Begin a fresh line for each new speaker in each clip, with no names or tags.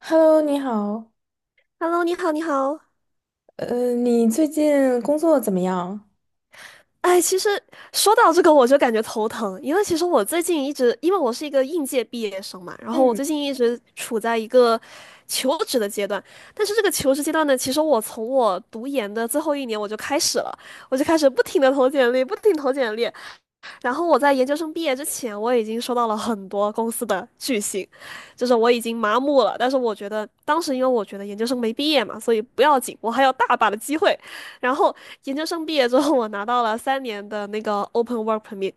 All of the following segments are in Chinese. Hello，你好，
Hello，你好，你好。
你最近工作怎么样？
哎，其实说到这个，我就感觉头疼，因为其实我最近一直，因为我是一个应届毕业生嘛，然后我
嗯
最近一直处在一个求职的阶段。但是这个求职阶段呢，其实我从我读研的最后一年我就开始了，我就开始不停的投简历，不停地投简历。然后我在研究生毕业之前，我已经收到了很多公司的拒信，就是我已经麻木了。但是我觉得当时因为我觉得研究生没毕业嘛，所以不要紧，我还有大把的机会。然后研究生毕业之后，我拿到了3年的那个 Open Work Permit，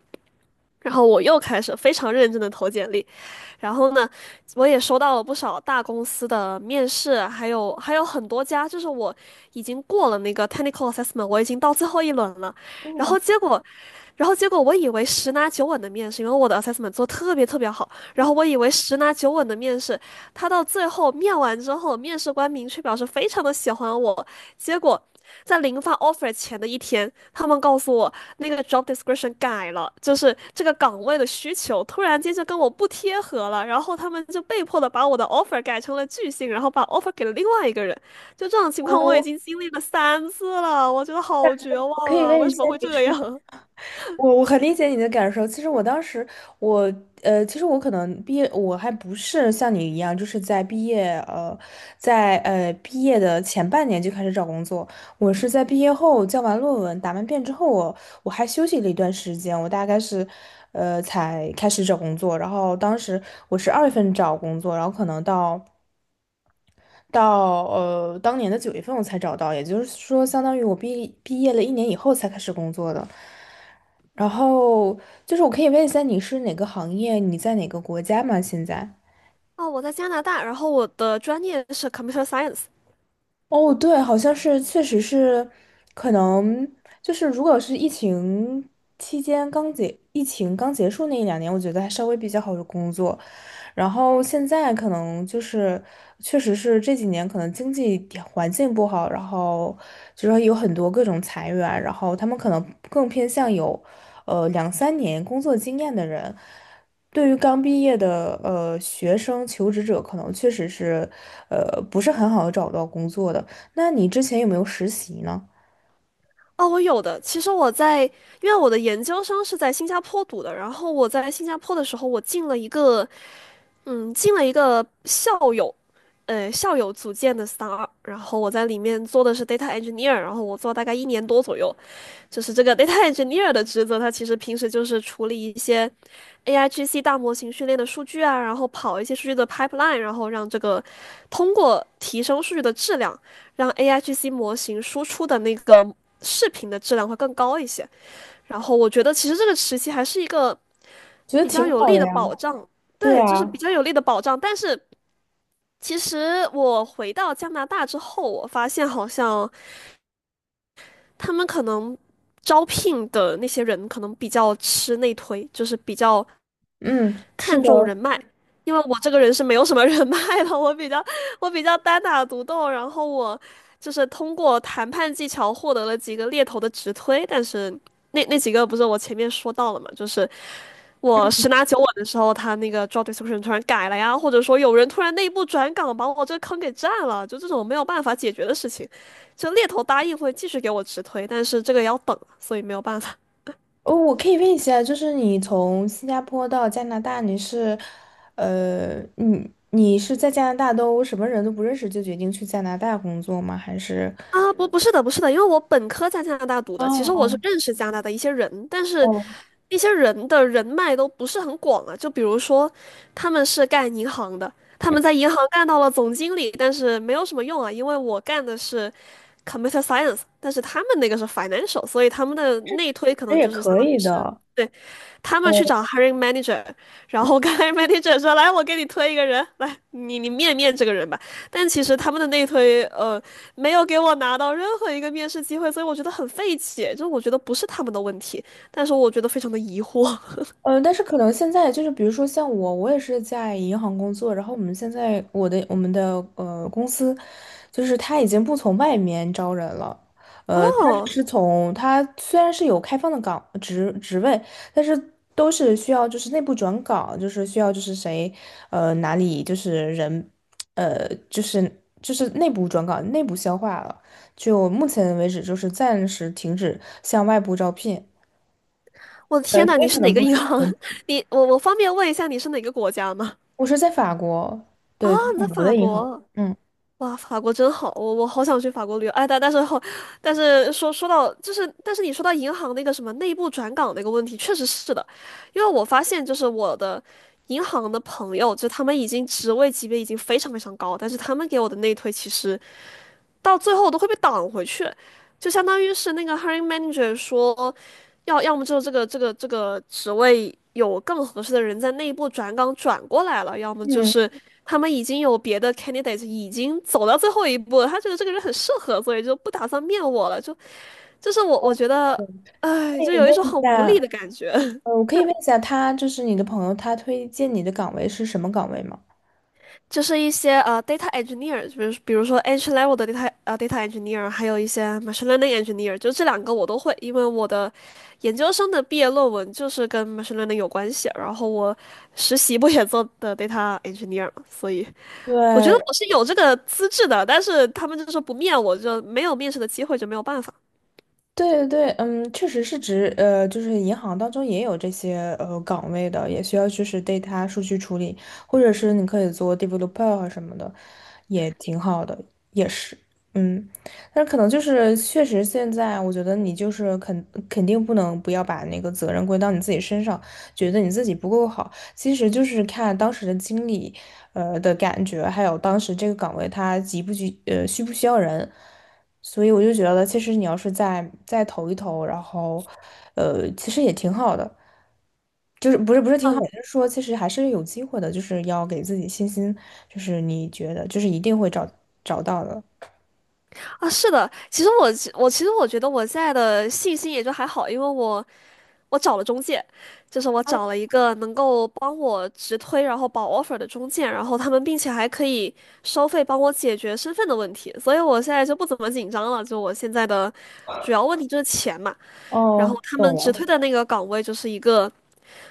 然后我又开始非常认真的投简历，然后呢，我也收到了不少大公司的面试，还有很多家，就是我已经过了那个 technical assessment，我已经到最后一轮了，然
嗯
后结果，然后结果我以为十拿九稳的面试，因为我的 assessment 做得特别特别好，然后
嗯，
我以为十拿九稳的面试，他到最后面完之后，面试官明确表示非常的喜欢我，结果在零发 offer 前的一天，他们告诉我那个 job description 改了，就是这个岗位的需求突然间就跟我不贴合了，然后他们就被迫的把我的 offer 改成了拒信，然后把 offer 给了另外一个人。就这种情况，我已
我
经经历了3次了，我觉得
感
好绝
觉我可
望
以
啊！
问
为
一
什
下
么会
你是
这样？
我很理解你的感受。其实我当时，我其实我可能毕业，我还不是像你一样，就是在毕业在毕业的前半年就开始找工作。我是在毕业后交完论文、答完辩之后，我还休息了一段时间，我大概是才开始找工作。然后当时我是2月份找工作，然后可能到。到当年的9月份我才找到，也就是说，相当于我毕业了一年以后才开始工作的。然后就是我可以问一下你是哪个行业，你在哪个国家吗？现在？
哦，我在加拿大，然后我的专业是 computer science。
哦，对，好像是，确实是，可能就是如果是疫情期间刚结，疫情刚结束那一两年，我觉得还稍微比较好的工作，然后现在可能就是，确实是这几年可能经济条环境不好，然后就说有很多各种裁员，然后他们可能更偏向有，2、3年工作经验的人，对于刚毕业的学生求职者，可能确实是，不是很好的找到工作的。那你之前有没有实习呢？
哦，我有的。其实我在，因为我的研究生是在新加坡读的，然后我在新加坡的时候，我进了一个校友，校友组建的 star，然后我在里面做的是 data engineer，然后我做大概1年多左右，就是这个 data engineer 的职责，它其实平时就是处理一些 AIGC 大模型训练的数据啊，然后跑一些数据的 pipeline，然后让这个通过提升数据的质量，让 AIGC 模型输出的那个视频的质量会更高一些。然后我觉得其实这个时期还是一个。
觉得
比较
挺
有
好
力
的
的
呀。
保障，
对
对，就是比
啊，
较有力的保障。但是其实我回到加拿大之后，我发现好像他们可能招聘的那些人可能比较吃内推，就是比较
嗯，是
看
的。
重人脉。因为我这个人是没有什么人脉的，我比较单打独斗，然后我就是通过谈判技巧获得了几个猎头的直推，但是那几个不是我前面说到了嘛，就是我十拿九稳的时候，他那个 job description 突然改了呀，或者说有人突然内部转岗把我这坑给占了，就这种没有办法解决的事情，就猎头答应会继续给我直推，但是这个要等，所以没有办法。
哦，我可以问一下，就是你从新加坡到加拿大，你是，你是在加拿大都什么人都不认识就决定去加拿大工作吗？还是，
啊，不，不是的，不是的，因为我本科在加拿大读
哦
的，其实我是
哦
认识加拿大的一些人，但是
哦，
一些人的人脉都不是很广啊。就比如说，他们是干银行的，他们
嗯
在银行干到了总经理，但是没有什么用啊，因为我干的是 computer science，但是他们那个是 financial，所以他们的内推可
这
能
也
就是相
可
当
以
于是。
的。
对。他们去
哦。
找 hiring manager，然
嗯。
后跟 hiring manager 说：“来，我给你推一个人，来，你面面这个人吧。”但其实他们的内推，没有给我拿到任何一个面试机会，所以我觉得很费解。就我觉得不是他们的问题，但是我觉得非常的疑惑。
呃，但是可能现在就是，比如说像我，我也是在银行工作，然后我们现在我们的公司，就是他已经不从外面招人了，他只
哦，
是从他虽然是有开放的职位，但是都是需要就是内部转岗，就是需要就是谁呃哪里就是人呃就是就是内部转岗内部消化了，就目前为止就是暂时停止向外部招聘，
我的天呐，
所
你
以可
是哪
能
个
不是。
银行？我方便问一下你是哪个国家吗？
我是在法国，
啊，
对，就是
你
法
在
国
法
的银行。
国。
嗯
哇，法国真好，我好想去法国旅游。哎，但但是后，但是说说到就是，但是你说到银行那个什么内部转岗那个问题，确实是的，因为我发现就是我的银行的朋友，就他们已经职位级别已经非常非常高，但是他们给我的内推其实到最后我都会被挡回去，就相当于是那个 hiring manager 说，要么就是这个职位有更合适的人在内部转岗转过来了，要么就
嗯，
是他们已经有别的 candidate 已经走到最后一步了，他觉得这个人很适合，所以就不打算面我了，就是我觉得，
对
哎，
可
就
以问
有一种
一
很无力
下，
的感觉。
我可以问一下他，就是你的朋友，他推荐你的岗位是什么岗位吗？
就是一些data engineer，比如说 entry level 的 data engineer，还有一些 machine learning engineer，就这两个我都会，因为我的研究生的毕业论文就是跟 machine learning 有关系，然后我实习不也做的 data engineer，嘛所以我觉得
对，
我是有这个资质的，但是他们就说不面我，就没有面试的机会，就没有办法
对对对，嗯，确实是指就是银行当中也有这些岗位的，也需要就是 data 数据处理，或者是你可以做 developer 啊什么的，也挺好的，也是，嗯，但是可能就是确实现在我觉得你就是肯定不能不要把那个责任归到你自己身上，觉得你自己不够好。其实就是看当时的经理，的感觉，还有当时这个岗位他急不急，需不需要人。所以我就觉得，其实你要是再投一投，然后，其实也挺好的，就是不是挺好，就是说其实还是有机会的，就是要给自己信心，就是你觉得就是一定会找到的。
啊。是的，其实我觉得我现在的信心也就还好，因为我。我找了中介，就是我找了一个能够帮我直推，然后保 offer 的中介，然后他们并且还可以收费帮我解决身份的问题，所以我现在就不怎么紧张了。就我现在的主要问题就是钱嘛，然后
哦，
他们
懂
直推
了。
的那个岗位就是一个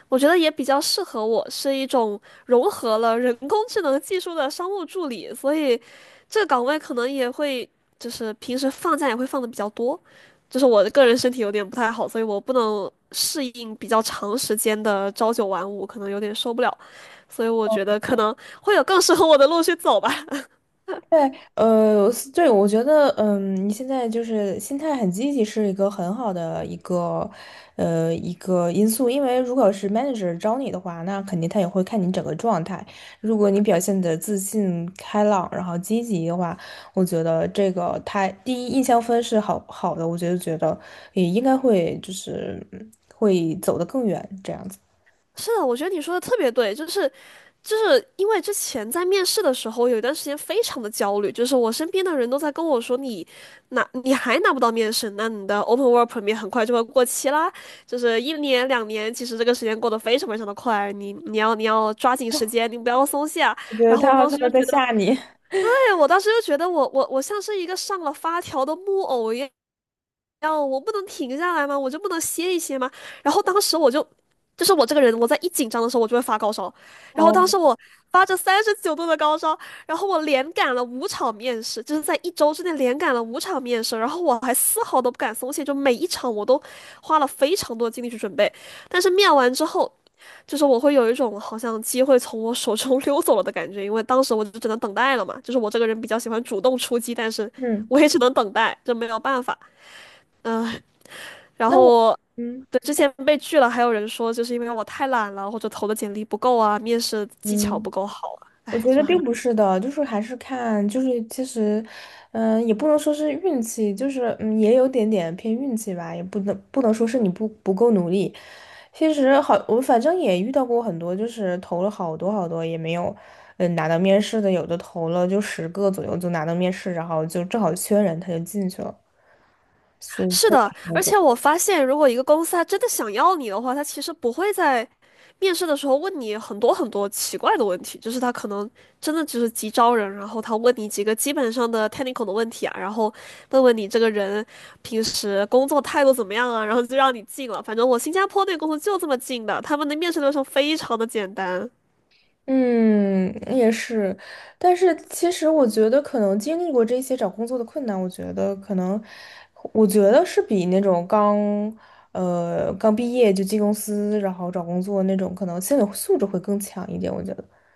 我觉得也比较适合我，是一种融合了人工智能技术的商务助理，所以这个岗位可能也会就是平时放假也会放的比较多。就是我的个人身体有点不太好，所以我不能适应比较长时间的朝九晚五，可能有点受不了，所以我觉得可能会有更适合我的路去走吧。
对，是对，我觉得，嗯，你现在就是心态很积极，是一个很好的一个，一个因素。因为如果是 manager 招你的话，那肯定他也会看你整个状态。如果你表现的自信、开朗，然后积极的话，我觉得这个他第一印象分是好好的，我觉得也应该会就是会走得更远这样子。
是的，我觉得你说的特别对，就是因为之前在面试的时候，有一段时间非常的焦虑，就是我身边的人都在跟我说你还拿不到面试，那你的 open work permit 很快就会过期啦，就是一年两年，其实这个时间过得非常非常的快，你要抓紧时间，你不要松懈啊。
我觉得
然后我
他
当
他
时就
们在
觉
吓
得。
你。
对，我当时就觉得我像是一个上了发条的木偶一样，要我不能停下来吗？我就不能歇一歇吗？然后当时我就，就是我这个人，我在一紧张的时候我就会发高烧，然后
哦，
当时我发着39度的高烧，然后我连赶了五场面试，就是在一周之内连赶了五场面试，然后我还丝毫都不敢松懈，就每一场我都花了非常多的精力去准备，但是面完之后。就是我会有一种好像机会从我手中 溜走了的感觉，因为当时我就只能等待了嘛。就是我这个人比较喜欢主动出击，但是
嗯，
我也只能等待，这没有办法。嗯，然
那我，
后
嗯
对之前被拒了，还有人说就是因为我太懒了，或者投的简历不够啊，面试技巧
嗯。
不够好啊，
我
哎，
觉得
就
并
很
不是的，就是还是看，就是其实，嗯、也不能说是运气，就是嗯，也有点点偏运气吧，也不能说是你不够努力。其实好，我反正也遇到过很多，就是投了好多好多也没有，嗯，拿到面试的，有的投了就10个左右就拿到面试，然后就正好缺人，他就进去了，所以
是
他。
的，而且我发现，如果一个公司他真的想要你的话，他其实不会在面试的时候问你很多很多奇怪的问题，就是他可能真的只是急招人，然后他问你几个基本上的 technical 的问题啊，然后问问你这个人平时工作态度怎么样啊，然后就让你进了。反正我新加坡那个公司就这么进的，他们的面试流程非常的简单。
嗯，也是，但是其实我觉得，可能经历过这些找工作的困难，我觉得可能，我觉得是比那种刚，刚毕业就进公司，然后找工作那种，可能心理素质会更强一点。我觉得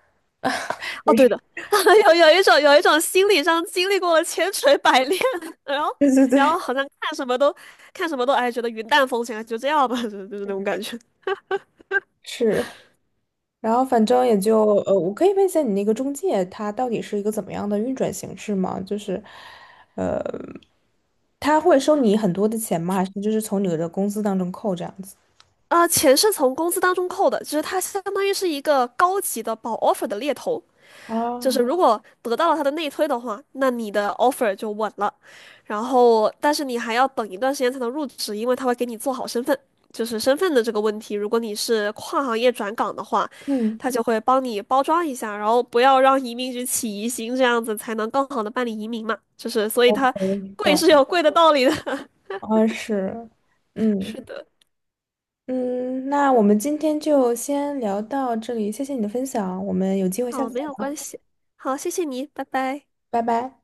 哦，对的，有一种心理上经历过了千锤百炼，然后
对对对，
好像看什么都哎觉得云淡风轻，哎就这样吧，就是那种感觉。
是，然后反正也就，我可以问一下你那个中介，它到底是一个怎么样的运转形式吗？就是，呃，他会收你很多的钱吗？还是就是从你的工资当中扣这样子？
啊、钱是从工资当中扣的，就是它相当于是一个高级的保 offer 的猎头，就是
啊，
如果得到了他的内推的话，那你的 offer 就稳了。然后，但是你还要等一段时间才能入职，因为他会给你做好身份，就是身份的这个问题。如果你是跨行业转岗的话，
嗯。
他就会帮你包装一下，然后不要让移民局起疑心，这样子才能更好的办理移民嘛。就是，所以它
OK，
贵
懂，
是有贵的道理的。
啊是，嗯
是的，
嗯，那我们今天就先聊到这里，谢谢你的分享，我们有机会下
好，
次
没
再
有
聊，
关系。好，谢谢你，拜拜。
拜拜。